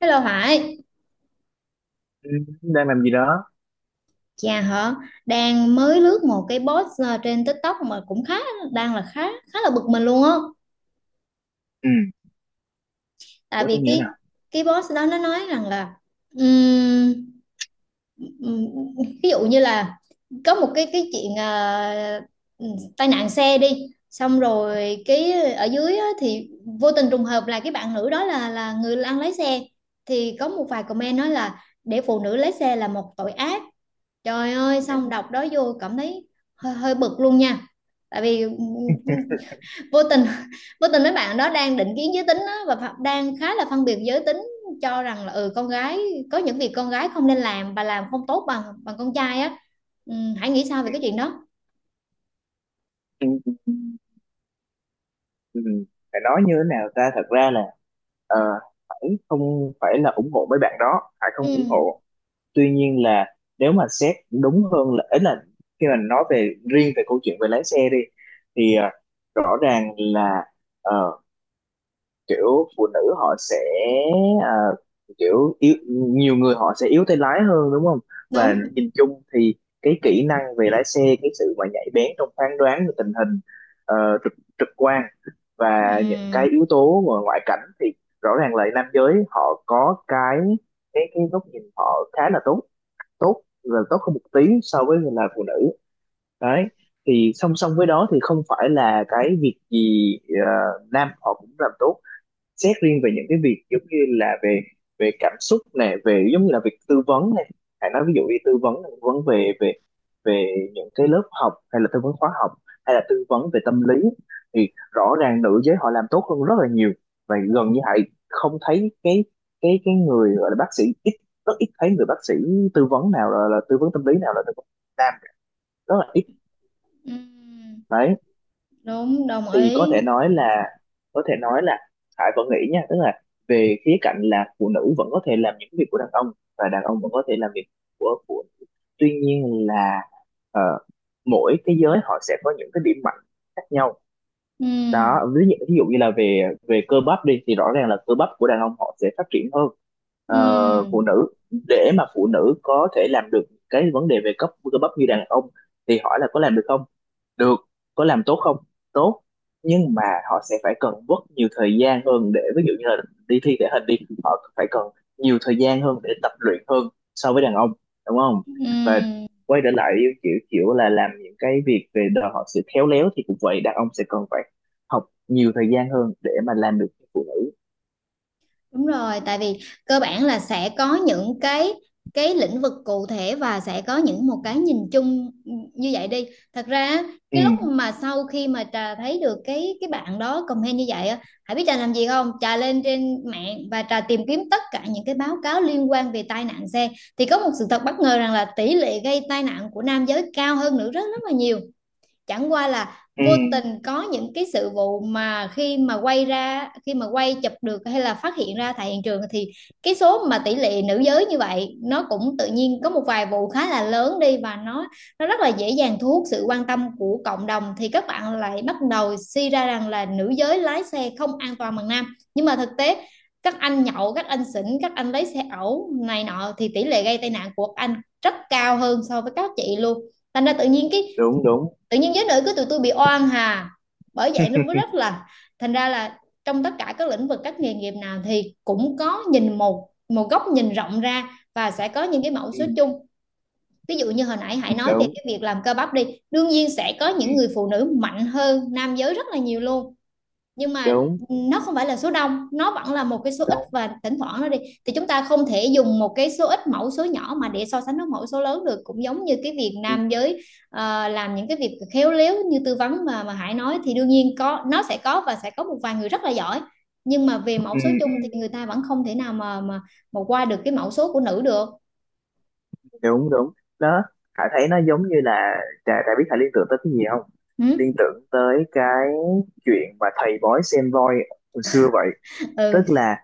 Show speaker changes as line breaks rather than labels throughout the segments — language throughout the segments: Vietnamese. Hello Hải,
Ừ, đang làm gì đó?
chà hả, đang mới lướt một cái post trên TikTok mà cũng khá đang là khá khá là bực mình luôn á.
Ừ,
Tại
bữa
vì
thế như thế nào?
cái post đó nó nói rằng là ừm, ừm, ví dụ như là có một cái chuyện ừm, tai nạn xe đi, xong rồi cái ở dưới á, thì vô tình trùng hợp là cái bạn nữ đó là người đang lái xe, thì có một vài comment nói là để phụ nữ lái xe là một tội ác. Trời ơi, xong
Ừ,
đọc đó vô cảm thấy hơi bực luôn nha. Tại vì ừ, vô tình vô tình mấy bạn đó đang định kiến giới tính á, và đang khá là phân biệt giới tính, cho rằng là ừ con gái có những việc con gái không nên làm và làm không tốt bằng bằng con trai á. Ừ, hãy nghĩ sao về cái chuyện đó.
ừ, ừ, ừ, ừ. Phải nói như thế nào ta, thật ra là ờ, Hải không phải là ủng hộ mấy bạn đó, Hải không
Ừ,
ủng hộ. Tuy nhiên là nếu mà xét đúng hơn là ấy là khi mà nói về riêng về câu chuyện về lái xe đi thì rõ ràng là ờ, kiểu phụ nữ họ sẽ, à, kiểu yếu, nhiều người họ sẽ yếu tay lái hơn, đúng không. Và
đúng.
nhìn chung thì cái kỹ năng về lái xe, cái sự mà nhạy bén trong phán đoán về tình hình, ờ, trực trực quan và những
Ừ,
cái yếu tố mà ngoại cảnh thì rõ ràng là nam giới họ có cái góc nhìn họ khá là tốt, tốt là tốt hơn một tí so với là phụ nữ. Đấy, thì song song với đó thì không phải là cái việc gì ờ, nam họ cũng làm tốt. Xét riêng về những cái việc giống như là về về cảm xúc này, về giống như là việc tư vấn này, hãy nói ví dụ đi, tư vấn là tư vấn về về về những cái lớp học hay là tư vấn khóa học hay là tư vấn về tâm lý thì rõ ràng nữ giới họ làm tốt hơn rất là nhiều. Và gần như hãy không thấy cái người gọi là bác sĩ ít, rất ít thấy người bác sĩ tư vấn nào là tư vấn tâm lý nào là tư vấn nam, rất là ít.
ừ,
Đấy,
đúng, đồng
thì có
ý.
thể nói là có thể nói là Hải vẫn nghĩ nha, tức là về khía cạnh là phụ nữ vẫn có thể làm những việc của đàn ông và đàn ông vẫn có thể làm việc của phụ nữ. Tuy nhiên là ờ, mỗi cái giới họ sẽ có những cái điểm mạnh khác nhau.
Ừ,
Đó, ví dụ như là về về cơ bắp đi thì rõ ràng là cơ bắp của đàn ông họ sẽ phát triển hơn ờ,
ừ,
phụ nữ. Để mà phụ nữ có thể làm được cái vấn đề về cấp cơ bắp như đàn ông thì hỏi là có làm được không? Được. Có làm tốt không? Tốt. Nhưng mà họ sẽ phải cần mất nhiều thời gian hơn để ví dụ như là đi thi thể hình đi, họ phải cần nhiều thời gian hơn để tập luyện hơn so với đàn ông, đúng không. Và
ừ.
quay trở lại kiểu kiểu là làm những cái việc về đòi hỏi sự khéo léo thì cũng vậy, đàn ông sẽ cần phải học nhiều thời gian hơn để mà làm được cái phụ nữ.
Đúng rồi, tại vì cơ bản là sẽ có những cái lĩnh vực cụ thể và sẽ có những một cái nhìn chung như vậy đi. Thật ra á,
Ừ,
cái lúc mà sau khi mà trà thấy được cái bạn đó comment như vậy á, hãy biết trà làm gì không? Trà lên trên mạng và trà tìm kiếm tất cả những cái báo cáo liên quan về tai nạn xe, thì có một sự thật bất ngờ rằng là tỷ lệ gây tai nạn của nam giới cao hơn nữ rất rất là nhiều. Chẳng qua là
ừ,
vô tình có những cái sự vụ mà khi mà quay ra khi mà quay chụp được hay là phát hiện ra tại hiện trường, thì cái số mà tỷ lệ nữ giới như vậy nó cũng tự nhiên có một vài vụ khá là lớn đi và nó rất là dễ dàng thu hút sự quan tâm của cộng đồng, thì các bạn lại bắt đầu suy ra rằng là nữ giới lái xe không an toàn bằng nam. Nhưng mà thực tế các anh nhậu các anh xỉn các anh lấy xe ẩu này nọ thì tỷ lệ gây tai nạn của các anh rất cao hơn so với các chị luôn. Thành ra tự nhiên cái
đúng đúng,
tự nhiên giới nữ của tụi tôi bị oan hà, bởi vậy nó mới rất là thành ra là trong tất cả các lĩnh vực các nghề nghiệp nào thì cũng có nhìn một một góc nhìn rộng ra, và sẽ có những cái mẫu
ừ,
số chung. Ví dụ như hồi nãy hãy nói về
đúng,
cái việc làm cơ bắp đi, đương nhiên sẽ có
ừ,
những người phụ nữ mạnh hơn nam giới rất là nhiều luôn, nhưng mà
đúng
nó không phải là số đông, nó vẫn là một cái số ít
đúng,
và thỉnh thoảng nó đi, thì chúng ta không thể dùng một cái số ít mẫu số nhỏ mà để so sánh với mẫu số lớn được, cũng giống như cái việc
ừ,
nam giới làm những cái việc khéo léo như tư vấn mà Hải nói, thì đương nhiên có nó sẽ có và sẽ có một vài người rất là giỏi, nhưng mà về mẫu
ừ,
số chung
ừ,
thì người ta vẫn không thể nào mà qua được cái mẫu số của nữ được.
đúng đúng. Đó, Hải thấy nó giống như là, Trà Trà biết Hải liên tưởng tới cái gì không?
Ừ.
Liên tưởng tới cái chuyện mà thầy bói xem voi hồi xưa vậy. Tức
Ừ.
là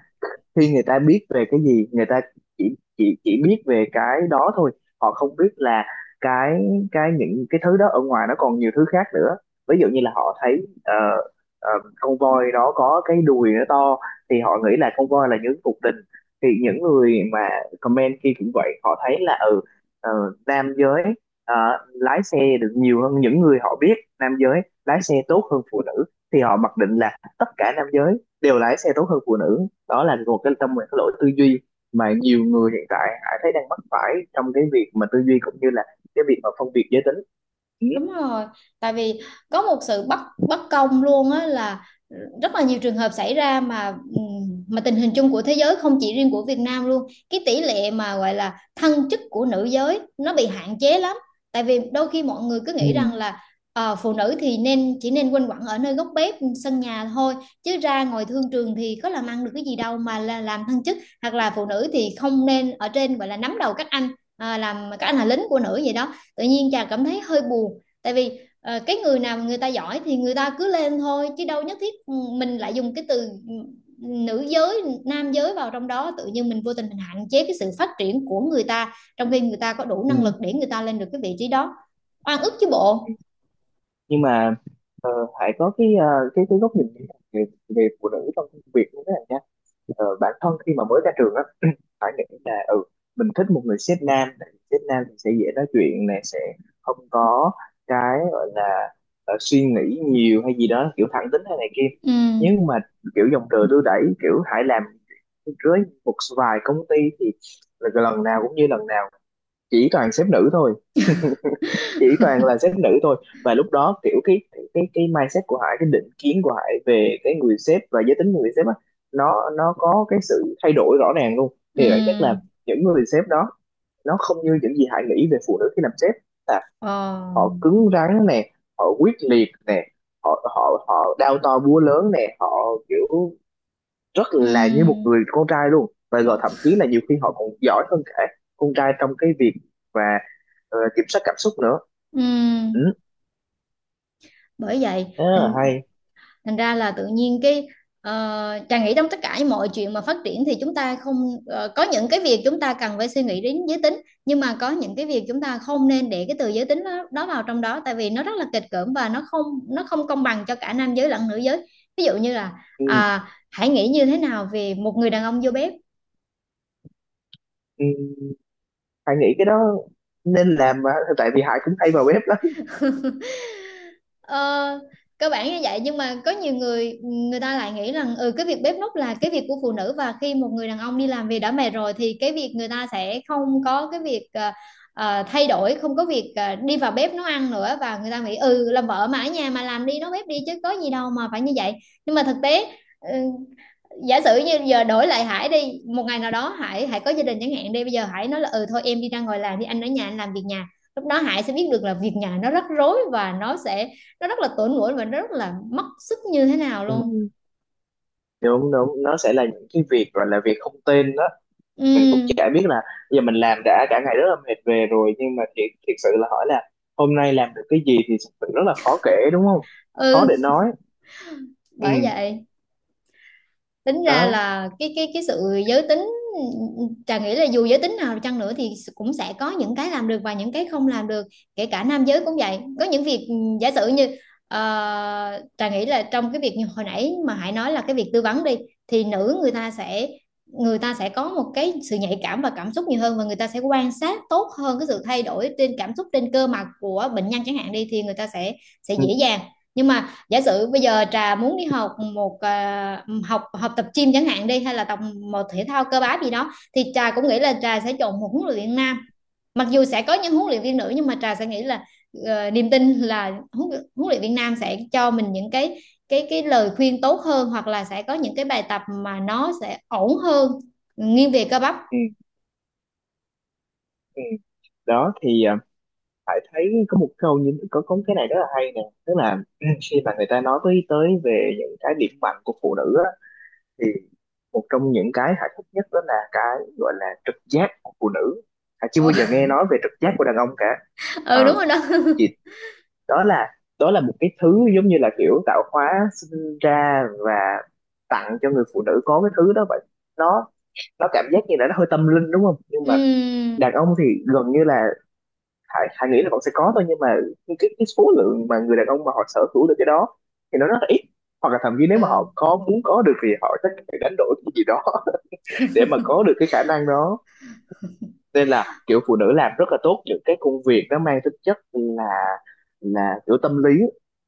khi người ta biết về cái gì, người ta chỉ biết về cái đó thôi, họ không biết là cái cái những cái thứ đó ở ngoài nó còn nhiều thứ khác nữa. Ví dụ như là họ thấy ờ, con voi đó có cái đùi nó to thì họ nghĩ là con voi là những cuộc tình. Thì những người mà comment kia cũng vậy, họ thấy là ừ, ờ, nam giới ờ, lái xe được nhiều hơn những người họ biết, nam giới lái xe tốt hơn phụ nữ thì họ mặc định là tất cả nam giới đều lái xe tốt hơn phụ nữ. Đó là một cái trong một cái lỗi tư duy mà nhiều người hiện tại Hải thấy đang mắc phải trong cái việc mà tư duy cũng như là cái việc mà phân biệt giới tính. Ừ.
Đúng rồi, tại vì có một sự bất bất công luôn á, là rất là nhiều trường hợp xảy ra mà tình hình chung của thế giới không chỉ riêng của Việt Nam luôn. Cái tỷ lệ mà gọi là thăng chức của nữ giới nó bị hạn chế lắm. Tại vì đôi khi mọi người cứ
Ừ.
nghĩ rằng là phụ nữ thì nên chỉ nên quanh quẩn ở nơi góc bếp sân nhà thôi, chứ ra ngoài thương trường thì có làm ăn được cái gì đâu mà là làm thăng chức, hoặc là phụ nữ thì không nên ở trên gọi là nắm đầu các anh, à, làm các anh là lính của nữ vậy đó, tự nhiên chàng cảm thấy hơi buồn. Tại vì cái người nào mà người ta giỏi thì người ta cứ lên thôi chứ đâu nhất thiết mình lại dùng cái từ ừ, nữ giới nam giới vào trong đó, tự nhiên mình vô tình mình hạn chế cái sự phát triển của người ta trong khi người ta có đủ năng lực
Ừ.
để người ta lên được cái vị trí đó. Oan ức chứ bộ.
Nhưng mà ờ, Hải có cái cái góc nhìn về về phụ nữ trong công việc như thế nào. Ờ, bản thân khi mà mới ra trường á, phải nghĩ là ừ, mình thích một người sếp nam, tại vì sếp nam thì sẽ dễ nói chuyện này, sẽ không có cái gọi là suy nghĩ nhiều hay gì đó, kiểu thẳng tính hay này kia.
Ừ,
Nhưng mà kiểu dòng đời đưa đẩy kiểu Hải làm với một vài công ty thì là lần nào cũng như lần nào, chỉ toàn sếp nữ thôi, chỉ toàn là sếp nữ thôi. Và lúc đó kiểu cái cái mindset của Hải, cái định kiến của Hải về cái người sếp và giới tính của người sếp á, nó có cái sự thay đổi rõ ràng luôn.
ừ,
Thì bản chất là những người sếp đó nó không như những gì Hải nghĩ về phụ nữ khi làm sếp, là
ờ,
họ cứng rắn nè, họ quyết liệt nè, họ họ họ đao to búa lớn nè, họ kiểu rất là như một
ừ,
người con trai luôn, và rồi thậm chí là nhiều khi họ còn giỏi hơn cả con trai trong cái việc và kiểm soát cảm xúc nữa. Ừ.
ừ. Bởi vậy
Đó là hay.
thành ra là tự nhiên cái Trà nghĩ trong tất cả mọi chuyện mà phát triển thì chúng ta không có những cái việc chúng ta cần phải suy nghĩ đến giới tính, nhưng mà có những cái việc chúng ta không nên để cái từ giới tính đó vào trong đó, tại vì nó rất là kịch cưỡng và nó không công bằng cho cả nam giới lẫn nữ giới. Ví dụ như là
Ừ,
à, hãy nghĩ như thế nào về một người đàn ông vô bếp.
ừ, hay nghĩ cái đó nên làm mà, tại vì Hải cũng hay vào web lắm.
Ờ, cơ bản như vậy, nhưng mà có nhiều người người ta lại nghĩ rằng ừ cái việc bếp núc là cái việc của phụ nữ, và khi một người đàn ông đi làm về đã mệt rồi thì cái việc người ta sẽ không có cái việc thay đổi, không có việc đi vào bếp nấu ăn nữa, và người ta nghĩ ừ làm vợ mà ở nhà mà làm đi nấu bếp đi chứ có gì đâu mà phải như vậy. Nhưng mà thực tế ừ, giả sử như giờ đổi lại Hải đi, một ngày nào đó Hải Hải có gia đình chẳng hạn đi, bây giờ Hải nói là ừ thôi em đi ra ngoài làm đi anh ở nhà anh làm việc nhà, lúc đó Hải sẽ biết được là việc nhà nó rắc rối và nó sẽ nó rất là tổn mũi và nó rất là mất sức như thế nào
Ừ.
luôn.
Đúng đúng, nó sẽ là những cái việc gọi là việc không tên đó. Mình cũng chả
Ừ.
biết là bây giờ mình làm đã cả ngày rất là mệt về rồi, nhưng mà thiệt thiệt sự là hỏi là hôm nay làm được cái gì thì thực sự rất là khó kể, đúng không. Khó
Ừ.
để nói. Ừ.
Bởi vậy tính
Đó.
ra là cái sự giới tính, Trà nghĩ là dù giới tính nào chăng nữa thì cũng sẽ có những cái làm được và những cái không làm được. Kể cả nam giới cũng vậy, có những việc giả sử như Trà nghĩ là trong cái việc như hồi nãy mà Hải nói là cái việc tư vấn đi, thì nữ người ta sẽ có một cái sự nhạy cảm và cảm xúc nhiều hơn, và người ta sẽ quan sát tốt hơn cái sự thay đổi trên cảm xúc trên cơ mặt của bệnh nhân chẳng hạn đi, thì người ta sẽ
Ừ,
dễ dàng. Nhưng mà giả sử bây giờ Trà muốn đi học một à, học học tập gym chẳng hạn đi hay là tập một thể thao cơ bắp gì đó, thì Trà cũng nghĩ là Trà sẽ chọn một huấn luyện viên nam. Mặc dù sẽ có những huấn luyện viên nữ, nhưng mà Trà sẽ nghĩ là niềm tin là huấn luyện viên nam sẽ cho mình những cái cái lời khuyên tốt hơn, hoặc là sẽ có những cái bài tập mà nó sẽ ổn hơn nghiêng về cơ bắp.
ừ, ừ. Đó thì Hải thấy có một câu như có cái này rất là hay nè, tức là khi mà người ta nói tới tới về những cái điểm mạnh của phụ nữ á, thì một trong những cái hạnh phúc nhất đó là cái gọi là trực giác của phụ nữ. Chưa bao
Ừ,
giờ nghe nói về trực giác của đàn ông cả. ờ
ừ đúng rồi đó.
thì đó là một cái thứ giống như là kiểu tạo hóa sinh ra và tặng cho người phụ nữ có cái thứ đó vậy. nó nó cảm giác như là nó hơi tâm linh đúng không, nhưng mà
Ừm,
đàn ông thì gần như là, Hải nghĩ là vẫn sẽ có thôi, nhưng mà cái số lượng mà người đàn ông mà họ sở hữu được cái đó thì nó rất là ít, hoặc là thậm chí nếu mà họ
ừ,
có muốn có được thì họ chắc phải đánh đổi cái gì đó để mà có được cái khả năng đó. Nên là kiểu phụ nữ làm rất là tốt những cái công việc nó mang tính chất là kiểu tâm lý,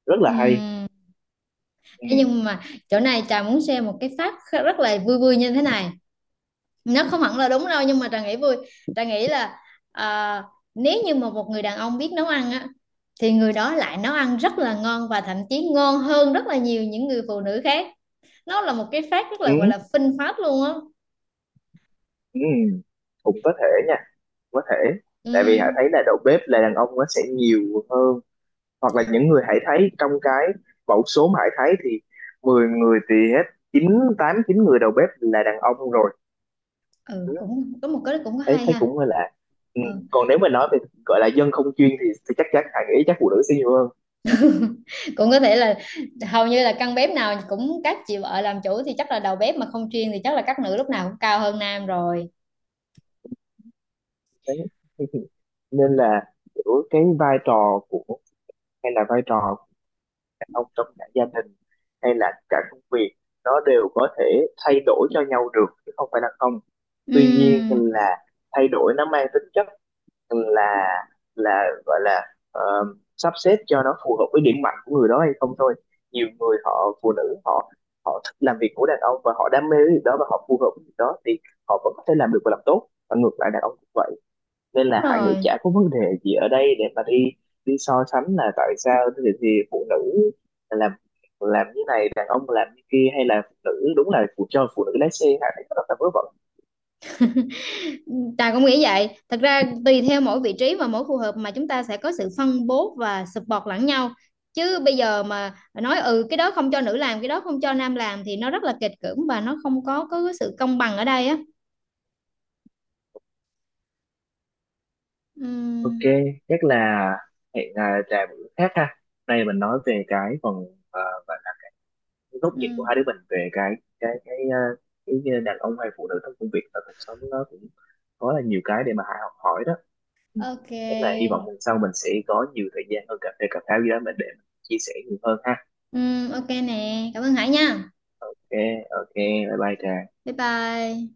rất là hay.
ừm.
Ừ.
Thế nhưng mà chỗ này Trà muốn share một cái phát rất là vui vui như thế này, nó không hẳn là đúng đâu nhưng mà Trà nghĩ vui. Trà nghĩ là à, nếu như mà một người đàn ông biết nấu ăn á, thì người đó lại nấu ăn rất là ngon và thậm chí ngon hơn rất là nhiều những người phụ nữ khác. Nó là một cái fact rất
Ừ.
là gọi là phinh phát luôn á.
Ừ. Cũng có thể nha, có thể tại vì hải
Ừm.
thấy là đầu bếp là đàn ông nó sẽ nhiều hơn, hoặc là những người hải thấy trong cái mẫu số mà hải thấy thì 10 người thì hết 9, 8, 9 người đầu bếp là đàn ông rồi.
Ừ
Ừ,
cũng có một cái cũng có
thấy
hay
thấy
ha.
cũng hơi lạ. Ừ.
Ừ.
Còn nếu mà nói về gọi là dân không chuyên thì chắc chắn hải nghĩ chắc phụ nữ sẽ nhiều hơn.
Cũng có thể là hầu như là căn bếp nào cũng các chị vợ làm chủ, thì chắc là đầu bếp mà không chuyên thì chắc là các nữ lúc nào cũng cao hơn nam rồi.
Đấy. Nên là giữa cái vai trò của, hay là vai trò của đàn ông trong cả gia đình hay là cả công việc nó đều có thể thay đổi cho nhau được, chứ không phải là không. Tuy nhiên
Ừm,
là thay đổi nó mang tính chất là là gọi là sắp xếp cho nó phù hợp với điểm mạnh của người đó hay không thôi. Nhiều người họ phụ nữ họ họ thích làm việc của đàn ông và họ đam mê cái việc đó và họ phù hợp với việc đó thì họ vẫn có thể làm được và làm tốt, và ngược lại đàn ông cũng vậy. Nên
đúng
là Hải nghĩ
rồi.
chả có vấn đề gì ở đây để mà đi đi so sánh là tại sao thì phụ nữ làm làm như này đàn ông làm như kia, hay là phụ nữ đúng là phụ, cho phụ nữ lái xe Hải thấy rất là vớ vẩn.
Tài cũng nghĩ vậy. Thật ra tùy theo mỗi vị trí và mỗi khu hợp mà chúng ta sẽ có sự phân bố và support lẫn nhau. Chứ bây giờ mà nói ừ cái đó không cho nữ làm, cái đó không cho nam làm thì nó rất là kịch cưỡng và nó không có cái sự công bằng ở đây á.
Ok,
Ừm,
chắc là hẹn Trà bữa khác ha, nay mình nói về cái phần, à, và cái góc nhìn của hai
ừm,
đứa mình về cái cái cái à, cái đàn ông hay phụ nữ trong công việc và cuộc sống, nó cũng có là nhiều cái để mà Hải học hỏi đó. Ừ. Thế là hy
ok.
vọng lần sau mình sẽ có nhiều thời gian hơn cà phê cà pháo gì đó mình để mình chia sẻ nhiều hơn ha.
Ok nè. Cảm ơn Hải nha.
Ok, ok, bye bye Trà.
Bye bye.